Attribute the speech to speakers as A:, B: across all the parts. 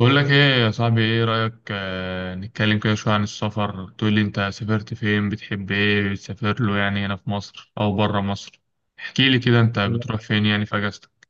A: بقول لك ايه يا صاحبي؟ ايه رأيك نتكلم كده شوية عن السفر، تقول لي انت سافرت فين، بتحب ايه بتسافر له، يعني هنا في مصر او بره مصر؟ احكي لي كده، انت بتروح فين يعني في اجازتك؟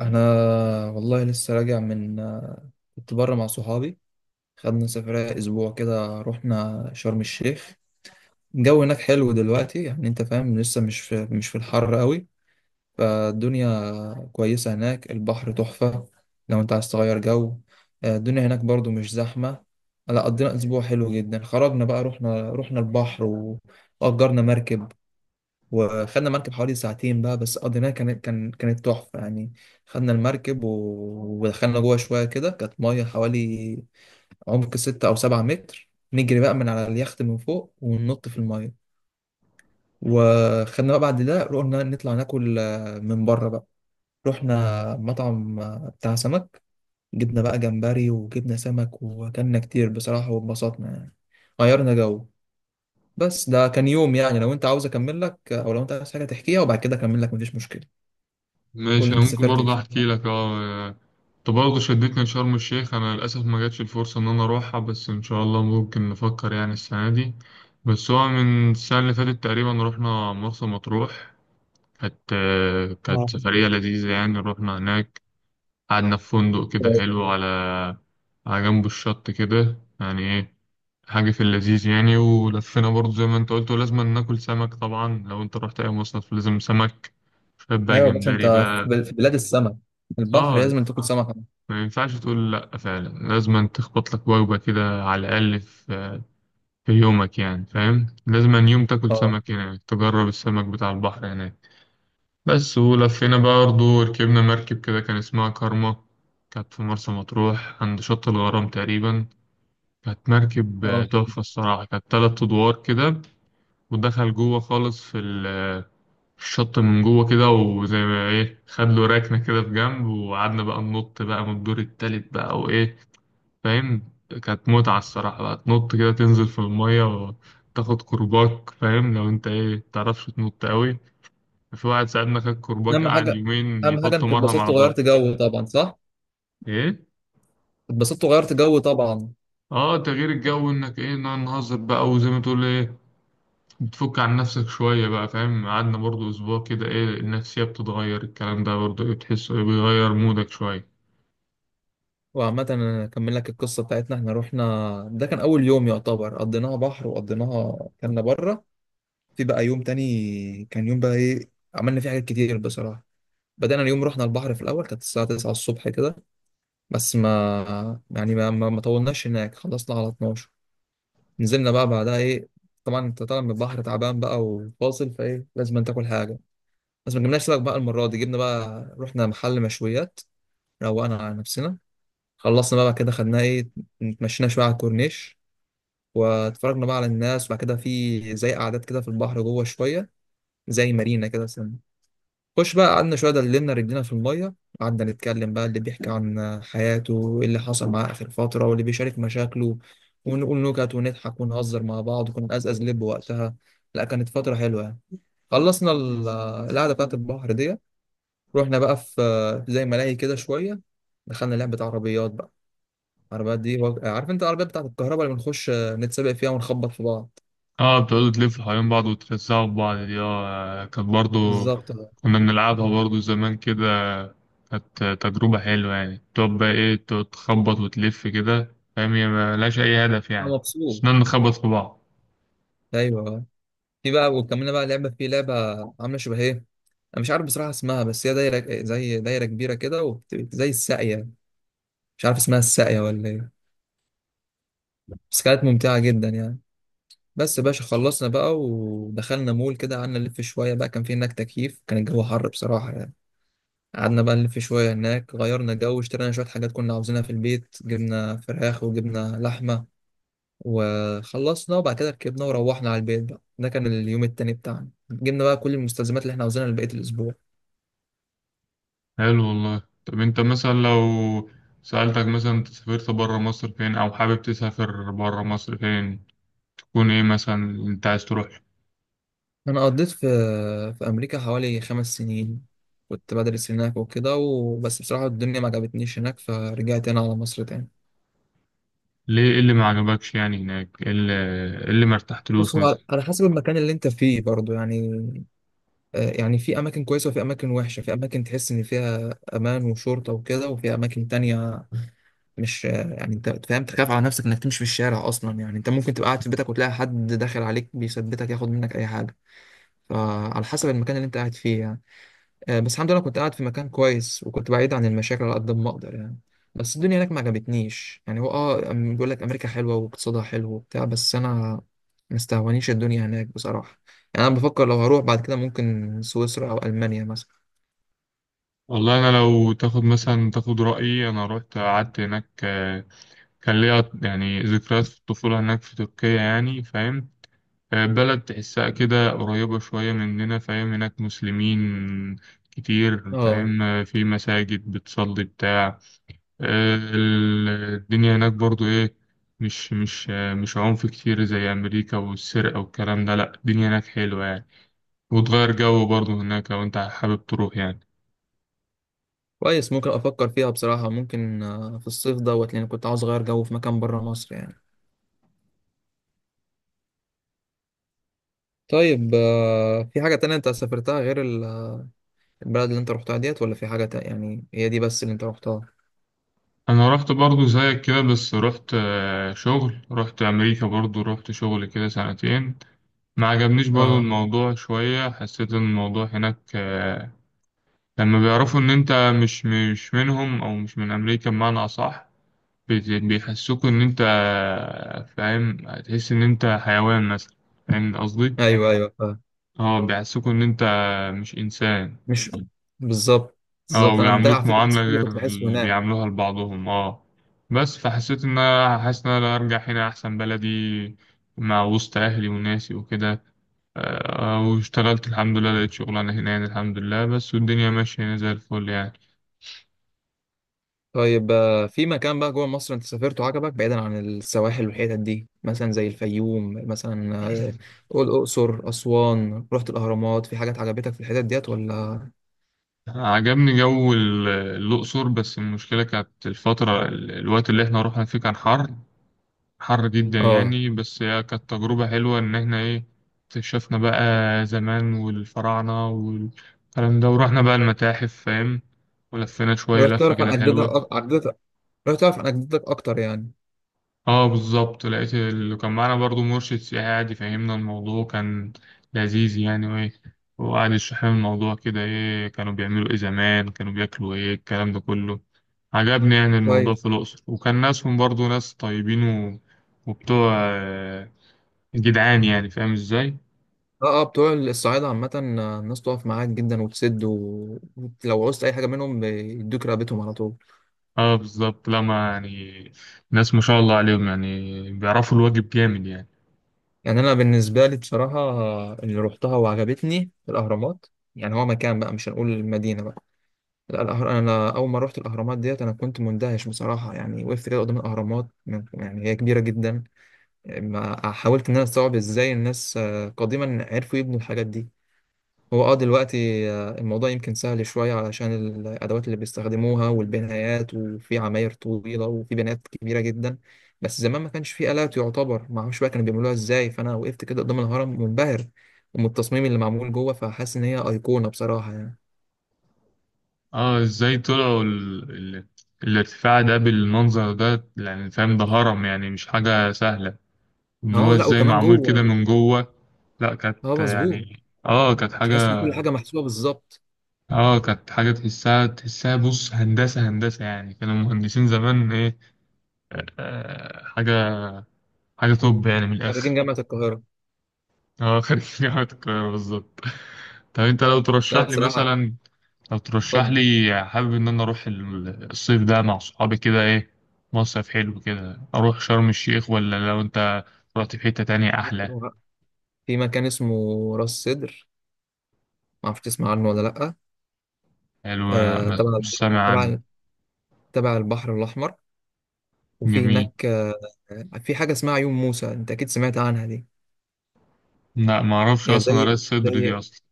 B: انا والله لسه راجع من كنت بره مع صحابي. خدنا سفرية اسبوع كده، رحنا شرم الشيخ. الجو هناك حلو دلوقتي، يعني انت فاهم، لسه مش في، مش في الحر قوي، فالدنيا كويسة هناك. البحر تحفة لو انت عايز تغير جو. الدنيا هناك برضو مش زحمة. لا، قضينا اسبوع حلو جدا. خرجنا بقى، رحنا البحر واجرنا مركب، وخدنا مركب حوالي ساعتين بقى، بس قضيناها كانت تحفة يعني. خدنا المركب ودخلنا جوه شوية كده، كانت مية حوالي عمق 6 أو 7 متر، نجري بقى من على اليخت من فوق وننط في المية. وخدنا بقى بعد ده رحنا نطلع ناكل من بره بقى. رحنا مطعم بتاع سمك، جبنا بقى جمبري وجبنا سمك وأكلنا كتير بصراحة واتبسطنا يعني. غيرنا جو. بس ده كان يوم يعني، لو انت عاوز اكمل لك، او لو انت عايز حاجه تحكيها وبعد كده اكمل لك، مفيش مشكله. قول
A: ماشي،
B: لي
A: انا
B: انت
A: ممكن
B: سافرت
A: برضه
B: فين.
A: احكي لك. اه، انت برضه شدتني لشرم الشيخ. انا للاسف ما جاتش الفرصه ان انا اروحها، بس ان شاء الله ممكن نفكر يعني السنه دي. بس هو من السنه اللي فاتت تقريبا رحنا مرسى مطروح. كانت كانت
B: اه،
A: سفريه لذيذه يعني. رحنا هناك، قعدنا في فندق كده
B: ايوه.
A: حلو على على جنب الشط كده، يعني ايه حاجة في اللذيذ يعني. ولفينا برضه زي ما انت قلت، ولازم ناكل سمك طبعا. لو انت رحت اي مصيف لازم سمك، شوية بقى
B: يا باشا انت
A: جمبري
B: في
A: بقى.
B: في بلاد السمك، البحر
A: اه،
B: لازم تاكل سمك.
A: ما ينفعش تقول لأ، فعلا لازم تخبط لك وجبة كده على الأقل في في يومك يعني، فاهم؟ لازم يوم تاكل
B: اه،
A: سمك هناك، تجرب السمك بتاع البحر هناك. بس ولفينا بقى برضه، وركبنا مركب كده كان اسمها كارما. كانت في مرسى مطروح عند شط الغرام تقريبا. كانت مركب
B: اه.
A: تحفة الصراحة، كانت تلات أدوار كده. ودخل جوه خالص في في الشط من جوه كده، وزي ما إيه خد له ركنة كده في جنب، وقعدنا بقى ننط بقى من الدور التالت بقى وإيه، فاهم؟ كانت متعة الصراحة بقى، تنط كده تنزل في المية وتاخد كرباك. فاهم؟ لو أنت إيه متعرفش تنط أوي. في واحد ساعدنا، خد كرباج
B: اهم
A: قعد
B: حاجه
A: يومين
B: اهم حاجه
A: يحط
B: انك
A: مرهم
B: اتبسطت
A: على ظهره.
B: وغيرت جو طبعا، صح؟
A: ايه،
B: اتبسطت وغيرت جو طبعا.
A: اه، تغيير الجو انك ايه نقعد نهزر بقى، وزي ما تقول ايه بتفك عن نفسك شوية بقى، فاهم؟ قعدنا برضو اسبوع كده، ايه النفسية بتتغير، الكلام ده برضو ايه بتحس إيه بيغير مودك شوية.
B: وعامة أنا أكمل لك القصة بتاعتنا. إحنا رحنا، ده كان أول يوم يعتبر قضيناها بحر وقضيناها كنا بره. في بقى يوم تاني، كان يوم بقى إيه، عملنا فيه حاجات كتير بصراحة. بدأنا اليوم، رحنا البحر في الأول كانت الساعة 9 الصبح كده، بس ما يعني ما, ما ما طولناش هناك، خلصنا على 12. نزلنا بقى بعدها ايه، طبعا انت طالع من البحر تعبان بقى وفاصل فايه، لازم تاكل حاجه. بس ما جبناش سمك بقى المره دي، جبنا بقى، رحنا محل مشويات، روقنا على نفسنا. خلصنا بقى كده، خدنا ايه، اتمشينا شويه على الكورنيش واتفرجنا بقى على الناس. وبعد كده في زي قعدات كده في البحر جوه شويه، زي مارينا كده. خش بقى قعدنا شوية، دللنا رجلينا في المية، قعدنا نتكلم بقى، اللي بيحكي عن حياته وإيه اللي حصل معاه آخر فترة، واللي بيشارك مشاكله، ونقول نكت ونضحك ونهزر مع بعض، وكنا نقزقز لب وقتها. لا، كانت فترة حلوة يعني. خلصنا القعدة بتاعت البحر دي، رحنا بقى في زي ملاهي كده شوية. دخلنا لعبة عربيات بقى، العربيات دي عارف انت العربيات بتاعت الكهرباء اللي بنخش نتسابق فيها ونخبط في بعض.
A: اه، بتقعدوا تلفوا حوالين بعض وترزعوا في بعض دي، اه كانت برضو
B: بالظبط، انا
A: كنا بنلعبها برضو زمان كده. كانت تجربة حلوة يعني، تقعد بقى ايه تقعد تخبط وتلف كده، فاهم؟ هي ملهاش أي هدف يعني،
B: مبسوط.
A: بس نقعد نخبط في بعض.
B: ايوه. في بقى وكملنا بقى لعبة في لعبة، عاملة شبه ايه، انا مش عارف بصراحة اسمها، بس هي دايرة، زي دايرة كبيرة كده، زي الساقية. مش عارف اسمها الساقية ولا ايه، بس كانت ممتعة جدا يعني. بس يا باشا خلصنا بقى ودخلنا مول كده، قعدنا نلف شوية بقى، كان في هناك تكييف، كان الجو حر بصراحة يعني. قعدنا بقى نلف شوية هناك، غيرنا جو، اشترينا شوية حاجات كنا عاوزينها في البيت، جبنا فراخ وجبنا لحمة. وخلصنا وبعد كده ركبنا وروحنا على البيت بقى. ده كان اليوم التاني بتاعنا، جبنا بقى كل المستلزمات اللي احنا عاوزينها لبقية الأسبوع.
A: حلو والله. طب انت مثلا لو سألتك مثلا انت سافرت برا مصر فين، او حابب تسافر برا مصر فين، تكون ايه مثلا انت عايز تروح؟
B: أنا قضيت في في أمريكا حوالي 5 سنين، كنت بدرس هناك وكده. وبس بصراحة الدنيا ما عجبتنيش هناك، فرجعت هنا على مصر تاني.
A: ليه، ايه اللي ما عجبكش يعني هناك، ايه اللي ما ارتحتلوش
B: بص، هو
A: مثلا؟
B: على حسب المكان اللي أنت فيه برضه يعني. يعني في أماكن كويسة وفي أماكن وحشة، في أماكن تحس إن فيها أمان وشرطة وكده، وفي أماكن تانية مش، يعني أنت فاهم، تخاف على نفسك إنك تمشي في الشارع أصلا. يعني أنت ممكن تبقى قاعد في بيتك وتلاقي حد داخل عليك بيثبتك ياخد منك أي حاجة. فعلى حسب المكان اللي أنت قاعد فيه يعني. بس الحمد لله كنت قاعد في مكان كويس، وكنت بعيد عن المشاكل على قد ما اقدر يعني. بس الدنيا هناك ما عجبتنيش يعني. هو بيقول لك امريكا حلوه واقتصادها حلو وبتاع، بس انا مستهونيش الدنيا هناك بصراحه. يعني انا بفكر لو هروح بعد كده ممكن سويسرا او المانيا مثلا.
A: والله انا لو تاخد مثلا تاخد رايي، انا رحت قعدت هناك. كان ليا يعني ذكريات في الطفوله هناك في تركيا، يعني فاهم؟ بلد تحسها كده قريبه شويه مننا، فاهم؟ هناك مسلمين كتير،
B: اه،
A: فاهم؟ في مساجد بتصلي بتاع. الدنيا هناك برضو ايه، مش عنف كتير زي امريكا والسرقه والكلام ده، لا الدنيا هناك حلوه يعني. وتغير جو برضو هناك لو انت حابب تروح يعني.
B: كويس. ممكن افكر فيها بصراحه، ممكن في الصيف دوت، لان كنت عاوز اغير جو في مكان بره مصر يعني. طيب، في حاجه تانية انت سافرتها غير البلد اللي انت رحتها ديت، ولا في حاجه تانية؟ يعني هي دي بس اللي انت رحتها؟
A: انا رحت برضو زيك كده، بس رحت شغل، رحت امريكا برضو رحت شغل كده سنتين. ما عجبنيش برضو
B: اه،
A: الموضوع شوية، حسيت ان الموضوع هناك لما بيعرفوا ان انت مش منهم، او مش من امريكا بمعنى اصح، بيحسوك ان انت فاهم هتحس ان انت حيوان مثلا، فاهم قصدي؟
B: ايوه ايوه.
A: اه، بيحسوك ان انت مش انسان.
B: مش بالظبط.
A: اه،
B: بالظبط، انا ده
A: بيعاملوك
B: على فكره
A: معاملة
B: نفس اللي
A: غير
B: كنت بحسه
A: اللي
B: هناك.
A: بيعاملوها لبعضهم. اه، بس فحسيت ان انا حاسس ان انا لو ارجع هنا احسن، بلدي مع وسط اهلي وناسي وكده. واشتغلت الحمد لله، لقيت شغلانة هنا يعني الحمد لله، بس والدنيا ماشية هنا زي الفل يعني.
B: طيب، في مكان بقى جوه مصر انت سافرته عجبك بعيدا عن السواحل والحتت دي؟ مثلا زي الفيوم مثلا، آه، قول الاقصر، اسوان، رحت الاهرامات، في حاجات عجبتك في الحتت ديت ولا؟
A: عجبني جو الأقصر، بس المشكلة كانت الفترة الوقت اللي احنا رحنا فيه كان حر، حر جدا
B: اه.
A: يعني. بس هي كانت تجربة حلوة، إن إحنا إيه اكتشفنا بقى زمان والفراعنة والكلام ده، ورحنا بقى المتاحف، فاهم؟ ولفينا شوية
B: رحت
A: لفة
B: تعرف عن
A: كده
B: اجدادك
A: حلوة.
B: أك- عجدتك رحت تعرف عن اجدادك اكتر يعني.
A: اه بالظبط، لقيت اللي كان معانا برضو مرشد سياحي قاعد يفهمنا الموضوع، كان لذيذ يعني، وإيه وقعد يشرح لنا الموضوع كده إيه كانوا بيعملوا إيه زمان، كانوا بياكلوا إيه، الكلام ده كله عجبني يعني. الموضوع في
B: كويس.
A: الأقصر، وكان ناسهم برضو ناس طيبين و... وبتوع جدعان يعني، فاهم ازاي؟
B: اه، اه، بتوع الصعايده عامه. الناس تقف معاك جدا وتسد، ولو عوزت اي حاجه منهم بيدوك رقبتهم على طول.
A: اه بالظبط، لا ما يعني ناس ما شاء الله عليهم، يعني بيعرفوا الواجب جامد يعني.
B: يعني انا بالنسبه لي بصراحه، اللي روحتها وعجبتني الاهرامات. يعني هو مكان بقى، مش هنقول المدينه بقى. لا، انا اول ما روحت الاهرامات ديت انا كنت مندهش بصراحه يعني. وقفت كده قدام الاهرامات يعني هي كبيره جدا، ما حاولت ان انا استوعب ازاي الناس قديما عرفوا يبنوا الحاجات دي. هو دلوقتي الموضوع يمكن سهل شوية، علشان الأدوات اللي بيستخدموها والبنايات، وفي عماير طويلة وفي بنايات كبيرة جدا. بس زمان ما كانش فيه آلات يعتبر، ما اعرفش بقى كانوا بيعملوها ازاي. فأنا وقفت كده قدام الهرم منبهر، ومن التصميم اللي معمول جوه، فحاسس إن هي أيقونة بصراحة يعني.
A: اه ازاي طلعوا ال... ال... الارتفاع ده بالمنظر ده، يعني فاهم؟ ده هرم يعني، مش حاجة سهلة. ان هو
B: اه، لا
A: ازاي
B: وكمان
A: معمول كده
B: جوه.
A: من جوه؟ لا
B: اه،
A: كانت
B: مظبوط.
A: يعني اه كانت حاجة.
B: تحس إن كل حاجة محسوبة بالظبط.
A: اه كانت حاجة تحسها، تحسها بص هندسة هندسة، يعني كانوا مهندسين زمان ايه. آه حاجة، حاجة توب يعني من
B: خريجين
A: الآخر.
B: جامعة القاهرة.
A: اه، خريج جامعة القاهرة بالظبط. طب انت لو
B: لا
A: ترشح لي
B: بصراحة،
A: مثلا، لو ترشح
B: اتفضل.
A: لي حابب ان انا اروح الصيف ده مع صحابي كده ايه، مصيف حلو كده، اروح شرم الشيخ، ولا لو انت رحت في حتة تانية احلى؟
B: في مكان اسمه راس سدر، ما اعرفش تسمع عنه ولا لأ؟
A: حلو،
B: آه، تبع
A: مش سامع عنه.
B: تبع تبع البحر الأحمر. وفي
A: جميل.
B: هناك في حاجة اسمها عيون موسى، أنت أكيد سمعت عنها دي.
A: لا ما اعرفش
B: هي
A: اصلا
B: زي
A: قراية الصدر دي
B: زي
A: اصلا.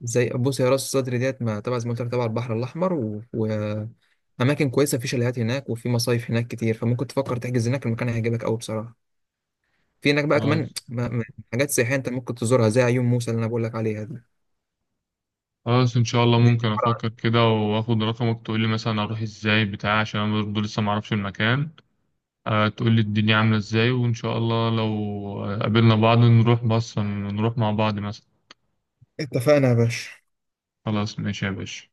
B: زي بص، هي راس صدر ديت ما تبع زي ما قلت لك تبع البحر الأحمر، وأماكن كويسة، في شاليهات هناك وفي مصايف هناك كتير، فممكن تفكر تحجز هناك، المكان هيعجبك أوي بصراحة. في هناك بقى كمان
A: خلاص
B: حاجات سياحية أنت ممكن تزورها، زي عيون موسى اللي أنا بقول لك عليها دي،
A: خلاص. ان شاء الله
B: دي
A: ممكن
B: عبارة عن،
A: افكر كده، واخد رقمك تقول لي مثلا اروح ازاي بتاع، عشان انا برضه لسه ما اعرفش المكان. تقول لي الدنيا عاملة ازاي، وإن شاء الله لو قابلنا بعض نروح، بص نروح مع بعض مثلا.
B: اتفقنا يا باشا.
A: خلاص ماشي يا باشا.